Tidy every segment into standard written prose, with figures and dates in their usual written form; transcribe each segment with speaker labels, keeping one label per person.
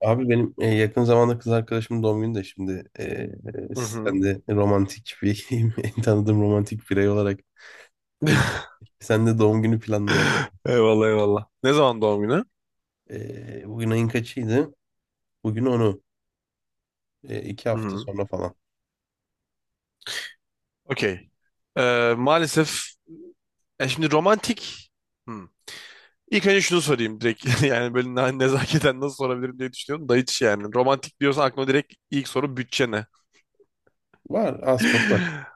Speaker 1: Abi benim yakın zamanda kız arkadaşımın doğum günü de şimdi
Speaker 2: Hı
Speaker 1: sen
Speaker 2: hı.
Speaker 1: de romantik bir en tanıdığım romantik birey olarak bir, sen de doğum günü planlayalım.
Speaker 2: Eyvallah eyvallah. Ne zaman doğum günü?
Speaker 1: Bugün ayın kaçıydı? Bugün onu iki
Speaker 2: Hı
Speaker 1: hafta
Speaker 2: hı.
Speaker 1: sonra falan.
Speaker 2: Okey. Maalesef, şimdi romantik. Hı. İlk önce şunu sorayım direkt, yani böyle nezaketen nasıl sorabilirim diye düşünüyorum da hiç. Yani romantik diyorsan aklıma direkt ilk soru, bütçe ne?
Speaker 1: Var, az çok var.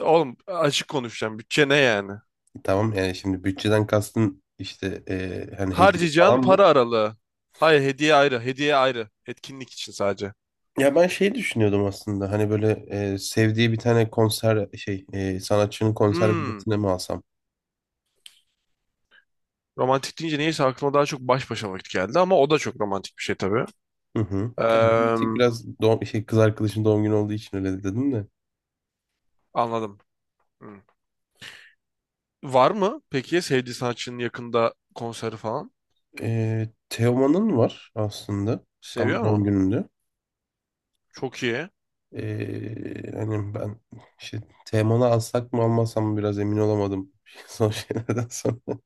Speaker 2: Oğlum, açık konuşacağım, bütçe ne yani?
Speaker 1: Tamam, yani şimdi bütçeden kastın işte hani hediye
Speaker 2: Harcayacağın
Speaker 1: falan mı?
Speaker 2: para aralığı. Hayır, hediye ayrı, hediye ayrı, etkinlik için sadece.
Speaker 1: Ya ben şey düşünüyordum aslında hani böyle sevdiği bir tane konser şey sanatçının konser
Speaker 2: Hmm.
Speaker 1: biletine mi alsam?
Speaker 2: Romantik deyince neyse aklıma daha çok baş başa vakit geldi, ama o da çok romantik bir şey tabii.
Speaker 1: Hı hı. Yani bir
Speaker 2: Eee,
Speaker 1: tek biraz doğum, şey, kız arkadaşın doğum günü olduğu için öyle dedim de.
Speaker 2: Anladım. Hı. Var mı peki ya sevdiği sanatçının yakında konseri falan?
Speaker 1: Teoman'ın var aslında.
Speaker 2: Seviyor
Speaker 1: Tam doğum
Speaker 2: mu?
Speaker 1: gününde.
Speaker 2: Çok iyi.
Speaker 1: Hani ben işte Teoman'ı alsak mı almasam mı biraz emin olamadım. Son şeylerden sonra.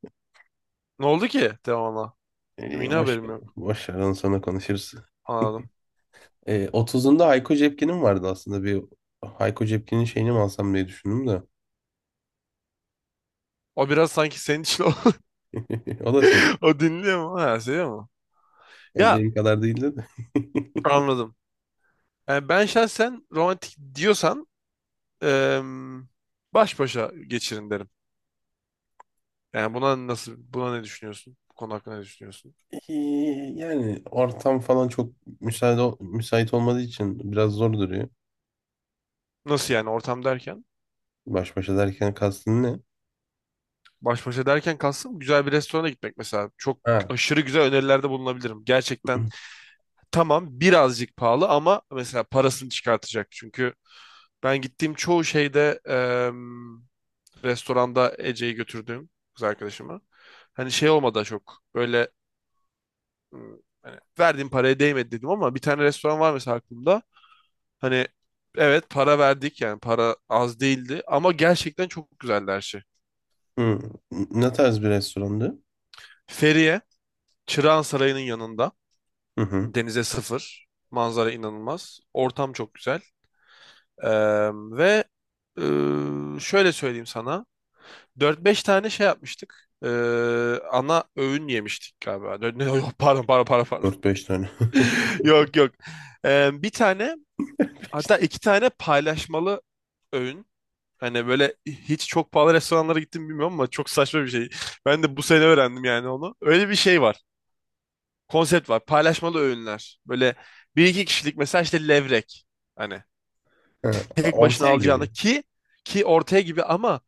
Speaker 2: Ne oldu ki devamlı? Benim yine haberim yok.
Speaker 1: Boş ver, onu sonra konuşuruz.
Speaker 2: Anladım.
Speaker 1: 30'unda Hayko Cepkin'in vardı aslında. Hayko Cepkin'in şeyini mi alsam diye düşündüm de.
Speaker 2: O biraz sanki senin için o,
Speaker 1: O da sev.
Speaker 2: o dinliyor mu? Ha, seviyor mu?
Speaker 1: Yani
Speaker 2: Ya,
Speaker 1: benim kadar değildi de.
Speaker 2: anladım. Yani ben şahsen romantik diyorsan, eee, baş başa geçirin derim. Yani buna nasıl, buna ne düşünüyorsun? Bu konu hakkında ne düşünüyorsun?
Speaker 1: Ee, Yani ortam falan çok müsait olmadığı için biraz zor duruyor.
Speaker 2: Nasıl yani, ortam derken?
Speaker 1: Baş başa derken kastın ne?
Speaker 2: Baş başa derken kastım güzel bir restorana gitmek mesela. Çok
Speaker 1: Ha.
Speaker 2: aşırı güzel önerilerde bulunabilirim. Gerçekten tamam, birazcık pahalı ama mesela parasını çıkartacak. Çünkü ben gittiğim çoğu şeyde restoranda, Ece'yi götürdüğüm kız arkadaşıma. Hani şey olmadı da çok böyle hani verdiğim paraya değmedi dedim, ama bir tane restoran var mesela aklımda. Hani evet, para verdik, yani para az değildi ama gerçekten çok güzeldi her şey.
Speaker 1: Hı. Ne tarz bir restorandı?
Speaker 2: Feriye, Çırağan Sarayı'nın yanında.
Speaker 1: Hı hı.
Speaker 2: Denize sıfır. Manzara inanılmaz. Ortam çok güzel. Ve şöyle söyleyeyim sana. Dört beş tane şey yapmıştık. Ana öğün yemiştik galiba. Yok, pardon pardon pardon pardon.
Speaker 1: 4-5 tane.
Speaker 2: Yok yok. Bir tane, hatta iki tane paylaşmalı öğün. Hani böyle hiç çok pahalı restoranlara gittim bilmiyorum ama çok saçma bir şey. Ben de bu sene öğrendim yani onu. Öyle bir şey var, konsept var. Paylaşmalı öğünler. Böyle bir iki kişilik, mesela işte levrek. Hani
Speaker 1: Ha,
Speaker 2: tek başına
Speaker 1: ortaya
Speaker 2: alacağını
Speaker 1: gibi.
Speaker 2: ki ortaya gibi, ama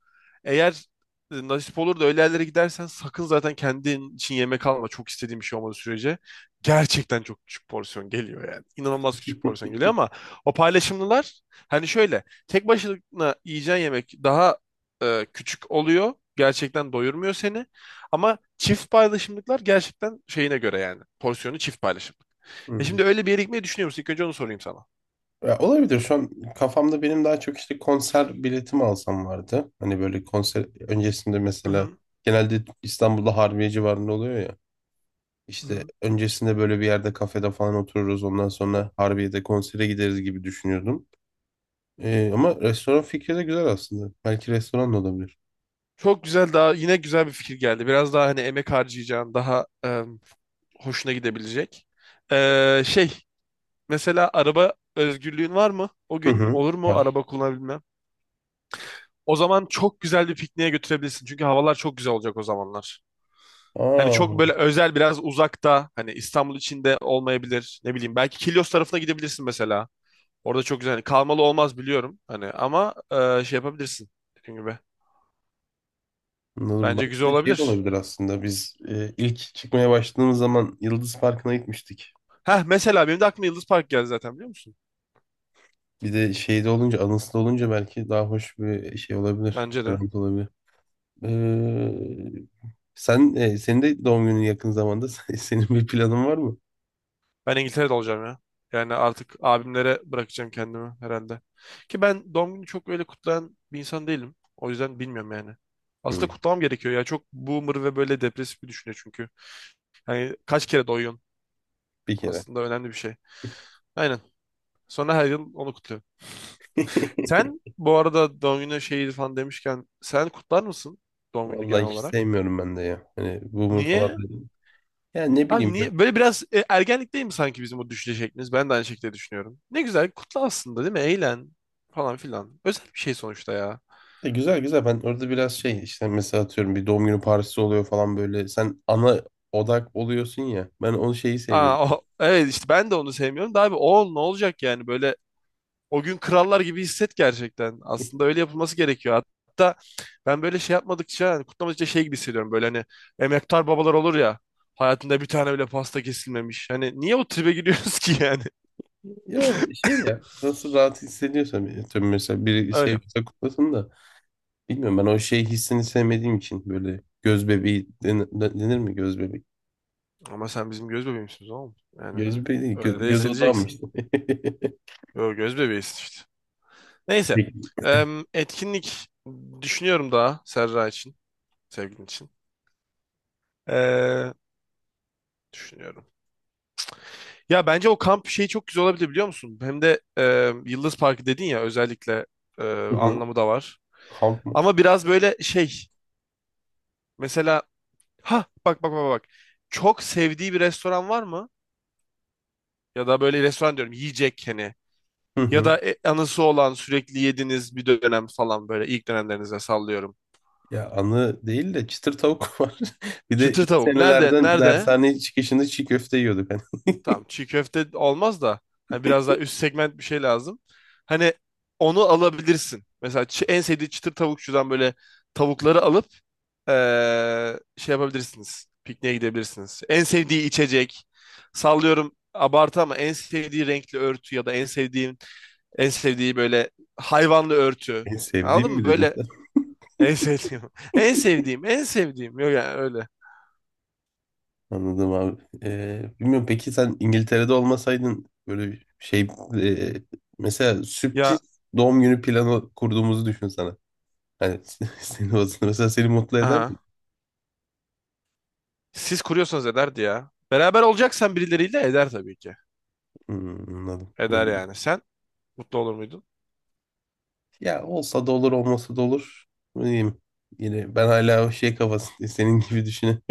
Speaker 2: eğer nasip olur da öyle yerlere gidersen sakın zaten kendin için yemek alma. Çok istediğim bir şey olmadığı sürece gerçekten çok küçük porsiyon geliyor yani. İnanılmaz küçük porsiyon geliyor ama o paylaşımlılar, hani şöyle tek başına yiyeceğin yemek daha küçük oluyor. Gerçekten doyurmuyor seni. Ama çift paylaşımlıklar gerçekten şeyine göre yani. Porsiyonu çift paylaşımlık.
Speaker 1: Hı.
Speaker 2: Şimdi öyle bir yere gitmeyi düşünüyor musun? İlk önce onu sorayım sana.
Speaker 1: Ya olabilir. Şu an kafamda benim daha çok işte konser biletimi alsam vardı. Hani böyle konser öncesinde
Speaker 2: Hı
Speaker 1: mesela
Speaker 2: hı.
Speaker 1: genelde İstanbul'da Harbiye civarında oluyor.
Speaker 2: Hı
Speaker 1: İşte
Speaker 2: hı.
Speaker 1: öncesinde böyle bir yerde kafede falan otururuz. Ondan sonra Harbiye'de konsere gideriz gibi düşünüyordum. Ama restoran fikri de güzel aslında. Belki restoran da olabilir.
Speaker 2: Çok güzel, daha yine güzel bir fikir geldi. Biraz daha hani emek harcayacağın, daha hoşuna gidebilecek. Şey, mesela araba özgürlüğün var mı? O
Speaker 1: Hı
Speaker 2: gün
Speaker 1: hı.
Speaker 2: olur mu,
Speaker 1: Var.
Speaker 2: araba kullanabilmem? O zaman çok güzel bir pikniğe götürebilirsin. Çünkü havalar çok güzel olacak o zamanlar. Hani
Speaker 1: Aa,
Speaker 2: çok böyle özel, biraz uzakta, hani İstanbul içinde olmayabilir. Ne bileyim, belki Kilyos tarafına gidebilirsin mesela. Orada çok güzel. Hani kalmalı olmaz biliyorum hani, ama şey yapabilirsin dediğim gibi.
Speaker 1: anladım.
Speaker 2: Bence
Speaker 1: Belki
Speaker 2: güzel
Speaker 1: de şey de
Speaker 2: olabilir.
Speaker 1: olabilir aslında. Biz ilk çıkmaya başladığımız zaman Yıldız Parkı'na gitmiştik.
Speaker 2: Heh, mesela benim de aklıma Yıldız Park geldi zaten, biliyor musun?
Speaker 1: Bir de şeyde olunca, anısında olunca belki daha hoş bir şey olabilir.
Speaker 2: Bence de.
Speaker 1: Event olabilir. Ee, Senin de doğum günün yakın zamanda. Senin bir planın var mı?
Speaker 2: Ben İngiltere'de olacağım ya. Yani artık abimlere bırakacağım kendimi herhalde. Ki ben doğum günü çok öyle kutlayan bir insan değilim. O yüzden bilmiyorum yani.
Speaker 1: Hı,
Speaker 2: Aslında kutlamam gerekiyor ya. Çok boomer ve böyle depresif bir düşünce çünkü. Yani kaç kere doyuyorsun?
Speaker 1: bir kere.
Speaker 2: Aslında önemli bir şey. Aynen. Sonra her yıl onu kutluyorum. Sen bu arada doğum günü şeyi falan demişken, sen kutlar mısın doğum günü genel
Speaker 1: Vallahi hiç
Speaker 2: olarak?
Speaker 1: sevmiyorum ben de ya. Hani boomer falan
Speaker 2: Niye?
Speaker 1: da. Ya ne
Speaker 2: Abi
Speaker 1: bileyim böyle.
Speaker 2: niye? Böyle biraz ergenlik değil mi sanki bizim o düşünce şeklimiz? Ben de aynı şekilde düşünüyorum. Ne güzel, kutla aslında değil mi? Eğlen falan filan. Özel bir şey sonuçta ya.
Speaker 1: Güzel güzel ben orada biraz şey işte mesela atıyorum bir doğum günü partisi oluyor falan böyle. Sen ana odak oluyorsun ya. Ben onu şeyi seviyorum.
Speaker 2: Ha, evet işte ben de onu sevmiyorum da abi oğul ne olacak yani, böyle o gün krallar gibi hisset gerçekten. Aslında öyle yapılması gerekiyor. Hatta ben böyle şey yapmadıkça, hani kutlamadıkça, şey gibi hissediyorum. Böyle hani emektar babalar olur ya. Hayatında bir tane bile pasta kesilmemiş. Hani niye o tribe giriyoruz ki yani?
Speaker 1: Ya şey ya nasıl rahat hissediyorsam atıyorum mesela biri
Speaker 2: Öyle.
Speaker 1: seviyorsa kutlasın da. Bilmiyorum ben o şey hissini sevmediğim için böyle göz bebeği denir, denir mi göz bebeği?
Speaker 2: Ama sen bizim göz bebeğimsin oğlum. Yani
Speaker 1: Göz bebeği değil,
Speaker 2: öyle de
Speaker 1: göz odağı mı
Speaker 2: hissedeceksin.
Speaker 1: işte?
Speaker 2: Yo, göz bebeğisin işte. Neyse. Etkinlik düşünüyorum daha Serra için. Sevgilin için. Ee, Düşünüyorum. Ya bence o kamp şeyi çok güzel olabilir, biliyor musun? Hem de Yıldız Parkı dedin ya, özellikle e,
Speaker 1: Hı hı.
Speaker 2: anlamı da var.
Speaker 1: Kamp mı?
Speaker 2: Ama biraz böyle şey. Mesela ha bak bak bak bak. Çok sevdiği bir restoran var mı? Ya da böyle restoran diyorum, yiyecek hani.
Speaker 1: Hı
Speaker 2: Ya
Speaker 1: hı.
Speaker 2: da anısı olan sürekli yediğiniz bir dönem falan, böyle ilk dönemlerinize sallıyorum.
Speaker 1: Ya anı değil de çıtır tavuk var. Bir de
Speaker 2: Çıtır
Speaker 1: ilk
Speaker 2: tavuk. Nerede?
Speaker 1: senelerden
Speaker 2: Nerede?
Speaker 1: dershane çıkışında çiğ köfte yiyorduk. Hani
Speaker 2: Tamam, çiğ köfte olmaz da hani biraz daha üst segment bir şey lazım. Hani onu alabilirsin. Mesela en sevdiği çıtır tavukçudan böyle tavukları alıp şey yapabilirsiniz. Pikniğe gidebilirsiniz. En sevdiği içecek. Sallıyorum abartı ama en sevdiği renkli örtü ya da en sevdiği böyle hayvanlı örtü.
Speaker 1: en sevdiğim
Speaker 2: Anladın mı?
Speaker 1: mi dedin
Speaker 2: Böyle
Speaker 1: sen?
Speaker 2: en sevdiğim. En sevdiğim. En sevdiğim. Yok yani öyle.
Speaker 1: Anladım abi. Bilmiyorum peki sen İngiltere'de olmasaydın böyle bir şey e, mesela sürpriz
Speaker 2: Ya,
Speaker 1: doğum günü planı kurduğumuzu düşün sana. Hani seni mesela seni mutlu eder mi?
Speaker 2: aha. Siz kuruyorsanız ederdi ya. Beraber olacaksan birileriyle eder tabii ki.
Speaker 1: Hmm, anladım.
Speaker 2: Eder
Speaker 1: Böyle.
Speaker 2: yani. Sen mutlu olur muydun?
Speaker 1: Ya olsa da olur olmasa da olur. Ne diyeyim? Yine ben hala o şey kafasındayım. Senin gibi düşünüyorum.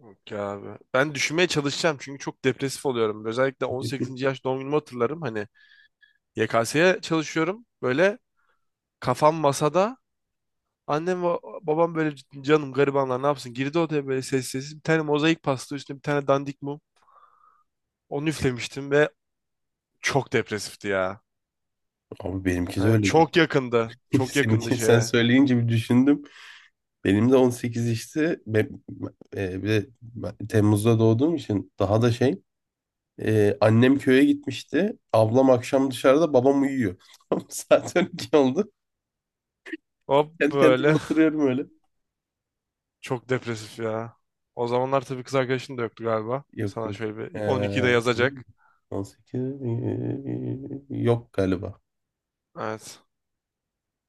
Speaker 2: Yok ya abi. Ben düşünmeye çalışacağım çünkü çok depresif oluyorum. Özellikle 18. yaş doğum günümü hatırlarım. Hani YKS'ye çalışıyorum. Böyle kafam masada, annem ve babam böyle, canım garibanlar ne yapsın? Girdi odaya böyle sessiz sessiz. Bir tane mozaik pasta, üstüne bir tane dandik mum. Onu üflemiştim ve çok depresifti ya.
Speaker 1: Abi benimki de
Speaker 2: Yani
Speaker 1: öyle.
Speaker 2: çok yakındı. Çok yakındı
Speaker 1: Seninki sen
Speaker 2: şeye.
Speaker 1: söyleyince bir düşündüm. Benim de 18 işte. Bir de ben Temmuz'da doğduğum için daha da şey. Annem köye gitmişti. Ablam akşam dışarıda, babam uyuyor. Tamam, saat 12 oldu.
Speaker 2: Hop
Speaker 1: Kendi kendime
Speaker 2: böyle.
Speaker 1: oturuyorum öyle.
Speaker 2: Çok depresif ya. O zamanlar tabii kız arkadaşın da yoktu galiba.
Speaker 1: Yok
Speaker 2: Sana
Speaker 1: yok.
Speaker 2: şöyle
Speaker 1: E,
Speaker 2: bir 12'de yazacak.
Speaker 1: on sekiz 18 yok galiba.
Speaker 2: Evet.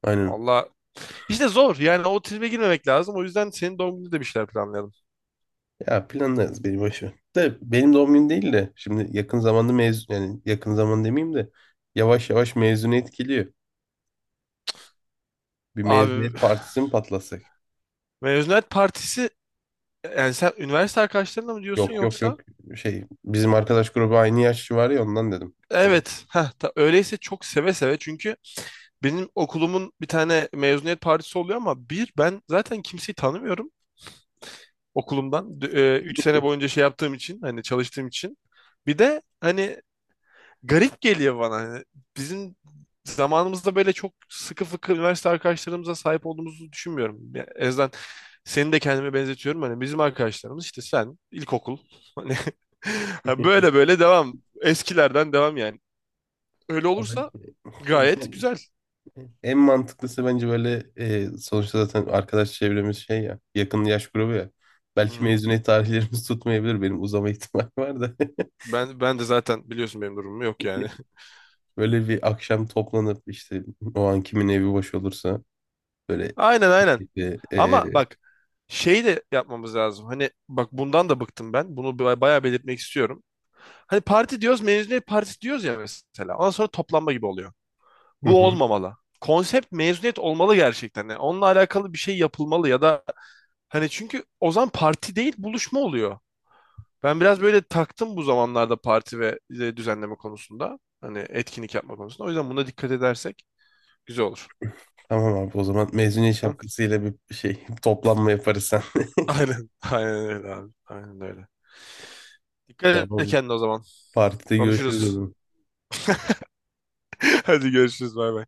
Speaker 1: Aynen.
Speaker 2: Allah. İşte zor. Yani o tribe girmemek lazım. O yüzden senin doğum gününde de bir şeyler planlayalım.
Speaker 1: Ya planlarız, beni boş ver. De benim doğum günüm değil de şimdi yakın zamanda mezun, yani yakın zaman demeyeyim de yavaş yavaş mezuniyet geliyor. Bir
Speaker 2: Abi
Speaker 1: mezuniyet partisi mi patlasak?
Speaker 2: mezuniyet partisi, yani sen üniversite arkadaşlarınla mı diyorsun
Speaker 1: Yok yok
Speaker 2: yoksa?
Speaker 1: yok, şey, bizim arkadaş grubu aynı yaşlı var ya, ondan dedim. Yani,
Speaker 2: Evet, heh, öyleyse çok seve seve çünkü benim okulumun bir tane mezuniyet partisi oluyor ama bir ben zaten kimseyi tanımıyorum okulumdan, 3 sene boyunca şey yaptığım için, hani çalıştığım için. Bir de hani garip geliyor bana, hani bizim zamanımızda böyle çok sıkı fıkı üniversite arkadaşlarımıza sahip olduğumuzu düşünmüyorum. Yani en azından, seni de kendime benzetiyorum, hani bizim arkadaşlarımız işte sen ilkokul hani ha, böyle böyle devam, eskilerden devam yani. Öyle
Speaker 1: ya
Speaker 2: olursa
Speaker 1: bence-
Speaker 2: gayet
Speaker 1: en
Speaker 2: güzel.
Speaker 1: mantıklısı bence böyle sonuçta zaten arkadaş çevremiz şey ya, yakın yaş grubu ya.
Speaker 2: Hı
Speaker 1: Belki
Speaker 2: hı.
Speaker 1: mezuniyet tarihlerimiz tutmayabilir, benim uzama ihtimali var da.
Speaker 2: Ben de zaten biliyorsun benim durumum yok yani.
Speaker 1: Böyle bir akşam toplanıp işte o an kimin evi boş olursa böyle
Speaker 2: Aynen aynen.
Speaker 1: işte,
Speaker 2: Ama bak, şey de yapmamız lazım. Hani bak, bundan da bıktım ben. Bunu bayağı belirtmek istiyorum. Hani parti diyoruz, mezuniyet partisi diyoruz ya mesela. Ondan sonra toplanma gibi oluyor.
Speaker 1: hı
Speaker 2: Bu
Speaker 1: hı.
Speaker 2: olmamalı. Konsept mezuniyet olmalı gerçekten. Yani onunla alakalı bir şey yapılmalı, ya da hani, çünkü o zaman parti değil buluşma oluyor. Ben biraz böyle taktım bu zamanlarda parti ve düzenleme konusunda. Hani etkinlik yapma konusunda. O yüzden buna dikkat edersek güzel olur.
Speaker 1: Tamam abi, o zaman mezuniyet
Speaker 2: Hı?
Speaker 1: şapkasıyla bir şey toplanma yaparız sen.
Speaker 2: Aynen. Aynen öyle abi. Aynen öyle. Dikkat et
Speaker 1: Tamam.
Speaker 2: kendine o zaman.
Speaker 1: Partide görüşürüz o
Speaker 2: Konuşuruz.
Speaker 1: zaman.
Speaker 2: Hadi görüşürüz. Bay bay.